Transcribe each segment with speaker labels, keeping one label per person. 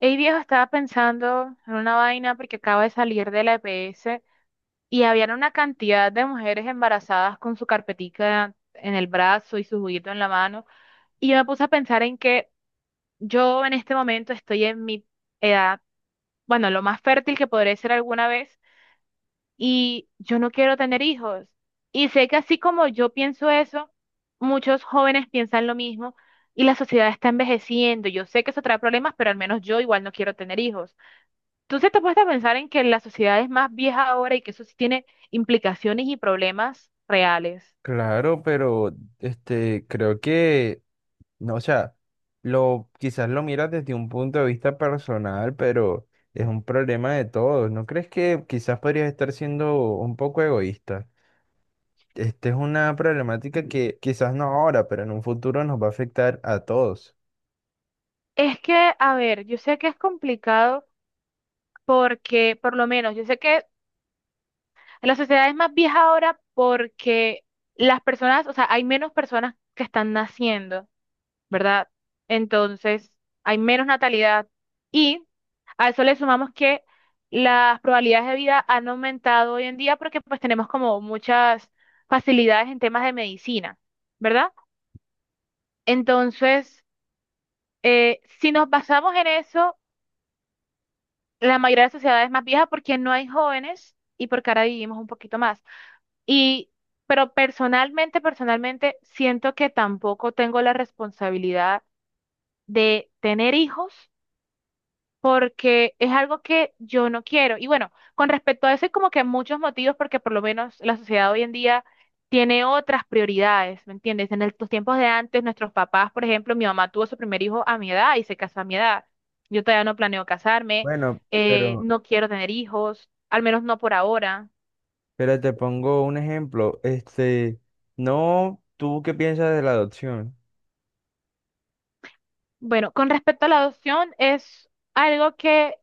Speaker 1: Ey viejo, estaba pensando en una vaina porque acabo de salir de la EPS y habían una cantidad de mujeres embarazadas con su carpetica en el brazo y su juguito en la mano. Y yo me puse a pensar en que yo en este momento estoy en mi edad, bueno, lo más fértil que podré ser alguna vez y yo no quiero tener hijos. Y sé que así como yo pienso eso, muchos jóvenes piensan lo mismo y la sociedad está envejeciendo. Yo sé que eso trae problemas, pero al menos yo igual no quiero tener hijos. Entonces te puedes pensar en que la sociedad es más vieja ahora y que eso sí tiene implicaciones y problemas reales.
Speaker 2: Claro, pero creo que, no, o sea, lo, quizás lo miras desde un punto de vista personal, pero es un problema de todos. ¿No crees que quizás podrías estar siendo un poco egoísta? Esta es una problemática que quizás no ahora, pero en un futuro nos va a afectar a todos.
Speaker 1: Es que, a ver, yo sé que es complicado porque, por lo menos, yo sé que la sociedad es más vieja ahora porque las personas, o sea, hay menos personas que están naciendo. ¿Verdad? Entonces, hay menos natalidad y a eso le sumamos que las probabilidades de vida han aumentado hoy en día porque pues tenemos como muchas facilidades en temas de medicina, ¿verdad? Entonces, si nos basamos en eso, la mayoría de las sociedades más viejas porque no hay jóvenes y porque ahora vivimos un poquito más. Y, pero personalmente, personalmente, siento que tampoco tengo la responsabilidad de tener hijos porque es algo que yo no quiero. Y bueno, con respecto a eso hay como que muchos motivos porque por lo menos la sociedad hoy en día tiene otras prioridades, ¿me entiendes? En los tiempos de antes, nuestros papás, por ejemplo, mi mamá tuvo su primer hijo a mi edad y se casó a mi edad. Yo todavía no planeo casarme,
Speaker 2: Bueno,
Speaker 1: no quiero tener hijos, al menos no por ahora.
Speaker 2: pero te pongo un ejemplo. No, ¿tú qué piensas de la adopción?
Speaker 1: Bueno, con respecto a la adopción, es algo que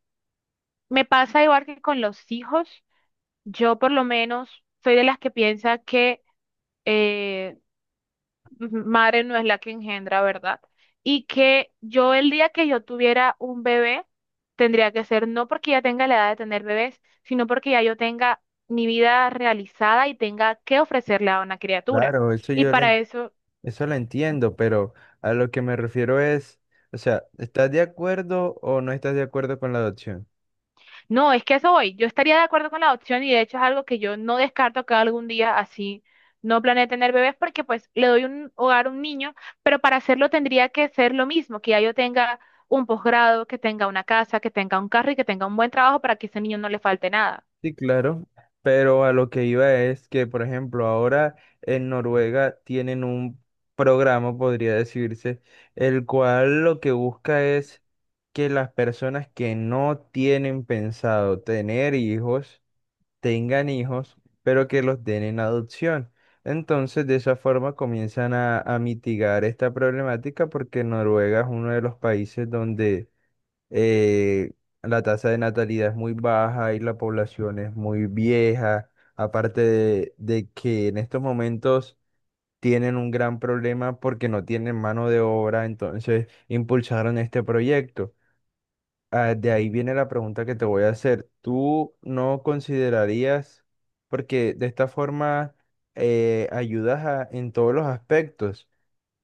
Speaker 1: me pasa igual que con los hijos. Yo por lo menos soy de las que piensa que eh, madre no es la que engendra, ¿verdad? Y que yo el día que yo tuviera un bebé, tendría que ser no porque ya tenga la edad de tener bebés, sino porque ya yo tenga mi vida realizada y tenga que ofrecerle a una criatura.
Speaker 2: Claro, eso
Speaker 1: Y
Speaker 2: yo lo
Speaker 1: para eso...
Speaker 2: eso lo entiendo, pero a lo que me refiero es, o sea, ¿estás de acuerdo o no estás de acuerdo con la adopción?
Speaker 1: No, es que a eso voy. Yo estaría de acuerdo con la adopción y de hecho es algo que yo no descarto que algún día, así no planee tener bebés, porque pues le doy un hogar a un niño, pero para hacerlo tendría que ser lo mismo, que ya yo tenga un posgrado, que tenga una casa, que tenga un carro y que tenga un buen trabajo para que ese niño no le falte nada.
Speaker 2: Sí, claro, pero a lo que iba es que, por ejemplo, ahora en Noruega tienen un programa, podría decirse, el cual lo que busca es que las personas que no tienen pensado tener hijos, tengan hijos, pero que los den en adopción. Entonces, de esa forma comienzan a mitigar esta problemática porque Noruega es uno de los países donde eh, la tasa de natalidad es muy baja y la población es muy vieja, aparte de que en estos momentos tienen un gran problema porque no tienen mano de obra, entonces impulsaron este proyecto. Ah, de ahí viene la pregunta que te voy a hacer. ¿Tú no considerarías, porque de esta forma ayudas a- en todos los aspectos,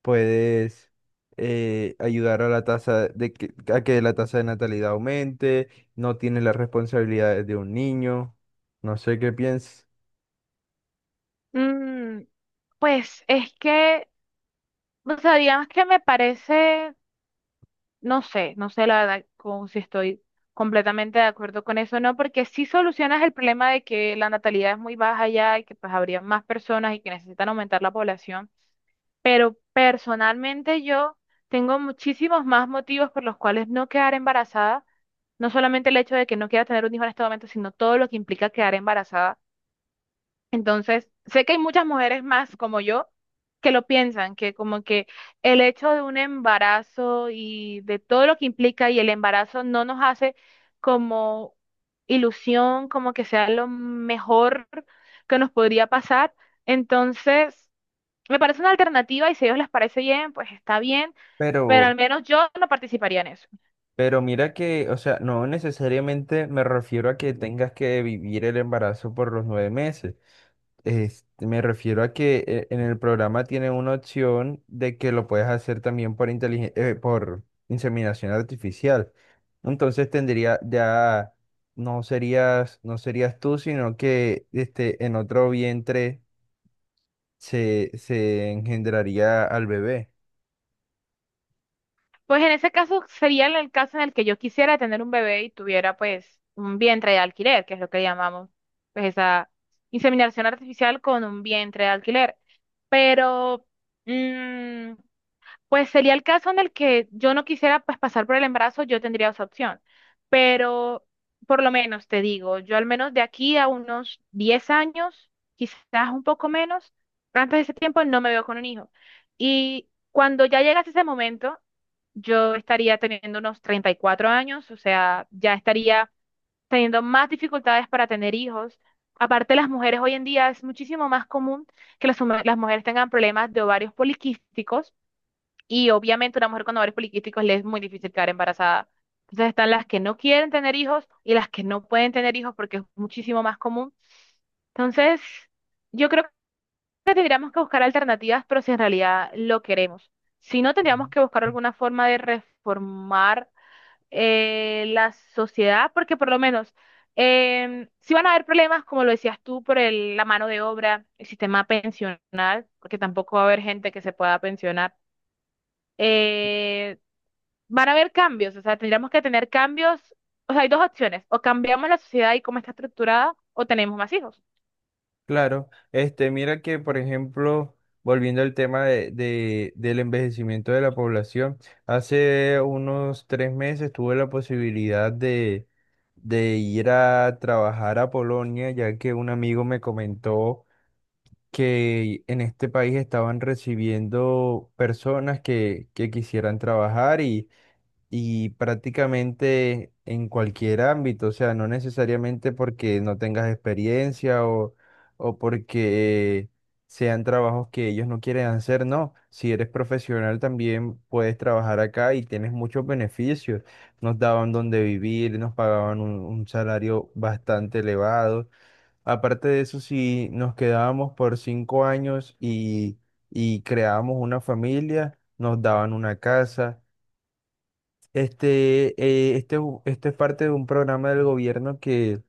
Speaker 2: puedes ayudar a la tasa de que, a que la tasa de natalidad aumente, no tienes las responsabilidades de un niño, no sé qué piensas,
Speaker 1: Mm, pues es que, o sea, digamos que me parece... No sé, no sé la verdad como si estoy completamente de acuerdo con eso, no, porque si solucionas el problema de que la natalidad es muy baja ya y que pues habría más personas y que necesitan aumentar la población. Personalmente yo tengo muchísimos más motivos por los cuales no quedar embarazada, no solamente el hecho de que no quiera tener un hijo en este momento, sino todo lo que implica quedar embarazada. Entonces, sé que hay muchas mujeres más como yo que lo piensan, que como que el hecho de un embarazo y de todo lo que implica y el embarazo no nos hace como ilusión, como que sea lo mejor que nos podría pasar. Entonces, me parece una alternativa y si a ellos les parece bien, pues está bien, pero
Speaker 2: pero,
Speaker 1: al menos yo no participaría en eso.
Speaker 2: pero mira que, o sea, no necesariamente me refiero a que tengas que vivir el embarazo por los 9 meses. Me refiero a que en el programa tiene una opción de que lo puedes hacer también por por inseminación artificial. Entonces tendría ya no serías no serías tú, sino que este en otro vientre se engendraría al bebé.
Speaker 1: Pues en ese caso sería el caso en el que yo quisiera tener un bebé y tuviera pues un vientre de alquiler, que es lo que llamamos, pues esa inseminación artificial con un vientre de alquiler. Pero mm, pues sería el caso en el que yo no quisiera pues pasar por el embarazo, yo tendría esa opción. Pero por lo menos te digo, yo al menos de aquí a unos 10 años, quizás un poco menos, antes de ese tiempo no me veo con un hijo. Y cuando ya llegase ese momento, yo estaría teniendo unos 34 años, o sea, ya estaría teniendo más dificultades para tener hijos. Aparte, las mujeres hoy en día es muchísimo más común que las mujeres tengan problemas de ovarios poliquísticos y obviamente una mujer con ovarios poliquísticos le es muy difícil quedar embarazada. Entonces están las que no quieren tener hijos y las que no pueden tener hijos porque es muchísimo más común. Entonces, yo creo que tendríamos que buscar alternativas, pero si en realidad lo queremos. Si no, tendríamos que buscar
Speaker 2: Mm.
Speaker 1: alguna forma de reformar la sociedad, porque por lo menos, si van a haber problemas, como lo decías tú, por la mano de obra, el sistema pensional, porque tampoco va a haber gente que se pueda pensionar. eh, Van a haber cambios, o sea, tendríamos que tener cambios. O sea, hay dos opciones, o cambiamos la sociedad y cómo está estructurada, o tenemos más hijos.
Speaker 2: Claro, mira que, por ejemplo, volviendo al tema del envejecimiento de la población, hace unos 3 meses tuve la posibilidad de ir a trabajar a Polonia, ya que un amigo me comentó que en este país estaban recibiendo personas que quisieran trabajar y prácticamente en cualquier ámbito, o sea, no necesariamente porque no tengas experiencia o porque sean trabajos que ellos no quieren hacer, no. Si eres profesional también puedes trabajar acá y tienes muchos beneficios. Nos daban donde vivir, nos pagaban un salario bastante elevado. Aparte de eso, si nos quedábamos por 5 años y creábamos una familia, nos daban una casa esto es parte de un programa del gobierno que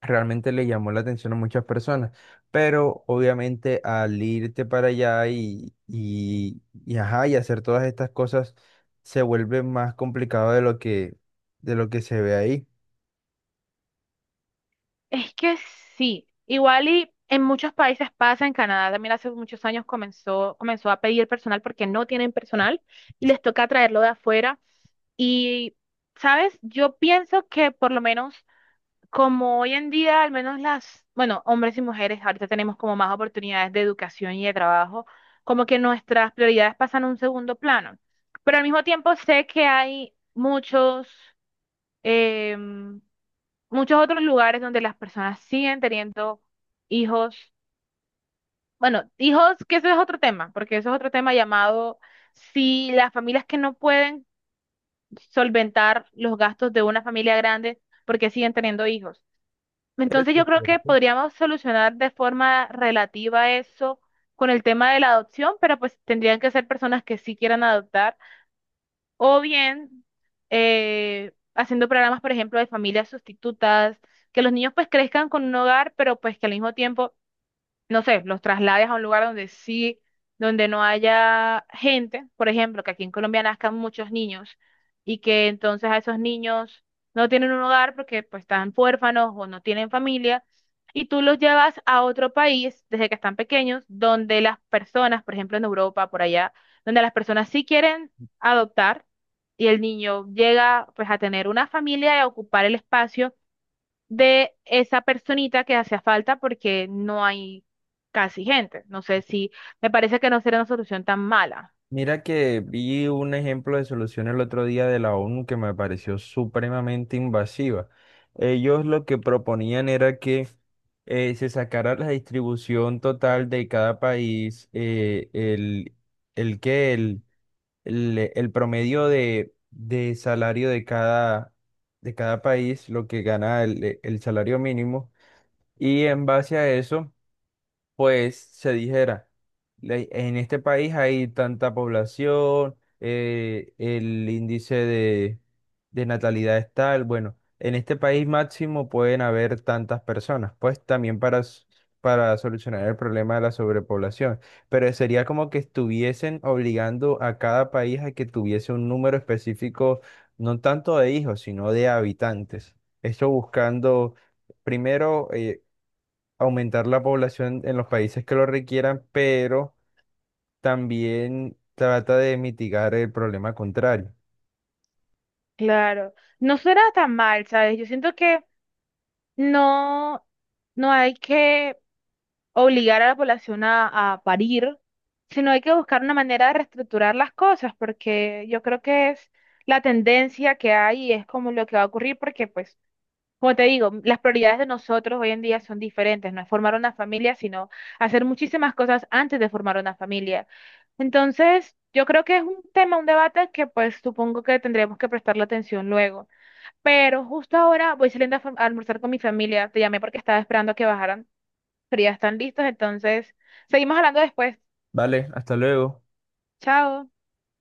Speaker 2: realmente le llamó la atención a muchas personas, pero obviamente al irte para allá y, ajá, y hacer todas estas cosas se vuelve más complicado de lo que se ve ahí.
Speaker 1: Es que sí, igual y en muchos países pasa, en Canadá también hace muchos años comenzó a pedir personal porque no tienen personal y les toca traerlo de afuera. Y, ¿sabes? Yo pienso que por lo menos... Como hoy en día, al menos las, bueno, hombres y mujeres, ahorita tenemos como más oportunidades de educación y de trabajo, como que nuestras prioridades pasan a un segundo plano. Pero al mismo tiempo sé que hay muchos, em, muchos otros lugares donde las personas siguen teniendo hijos. Bueno, hijos, que eso es otro tema, porque eso es otro tema llamado si las familias que no pueden solventar los gastos de una familia grande, porque siguen teniendo hijos. Entonces yo creo que
Speaker 2: ¿Cierto?
Speaker 1: podríamos solucionar de forma relativa eso con el tema de la adopción, pero pues tendrían que ser personas que sí quieran adoptar o bien haciendo programas, por ejemplo, de familias sustitutas, que los niños pues crezcan con un hogar, pero pues que al mismo tiempo no sé, los traslades a un lugar donde sí, donde no haya gente, por ejemplo, que aquí en Colombia nazcan muchos niños y que entonces a esos niños no tienen un hogar porque pues están huérfanos o no tienen familia y tú los llevas a otro país desde que están pequeños donde las personas, por ejemplo en Europa, por allá, donde las personas sí quieren adoptar y el niño llega pues a tener una familia y a ocupar el espacio de esa personita que hacía falta porque no hay casi gente. No sé si, me parece que no será una solución tan mala.
Speaker 2: Mira que vi un ejemplo de solución el otro día de la ONU que me pareció supremamente invasiva. Ellos lo que proponían era que se sacara la distribución total de cada país, el que el promedio de salario de cada país, lo que gana el salario mínimo, y en base a eso pues se dijera, le- en este país hay tanta población, el índice de natalidad es tal, bueno, en este país máximo pueden haber tantas personas, pues también para, s- para solucionar el problema de la sobrepoblación, pero sería como que estuviesen obligando a cada país a que tuviese un número específico, no tanto de hijos, sino de habitantes. Esto buscando... Primero, aumentar la población en los países que lo requieran, pero también trata de mitigar el problema contrario.
Speaker 1: Claro, no será tan mal, ¿sabes? Yo siento que no, no hay que obligar a la población a parir, sino hay que buscar una manera de reestructurar las cosas, porque yo creo que es la tendencia que hay y es como lo que va a ocurrir, porque pues... Como te digo, las prioridades de nosotros hoy en día son diferentes, no es formar una familia, sino hacer muchísimas cosas antes de formar una familia. Entonces, yo creo que es un tema, un debate que pues supongo que tendremos que prestarle atención luego. Pero justo ahora voy saliendo a, a almorzar con mi familia, te llamé porque estaba esperando a que bajaran, pero ya están listos, entonces seguimos hablando después.
Speaker 2: Vale, hasta luego.
Speaker 1: Chao.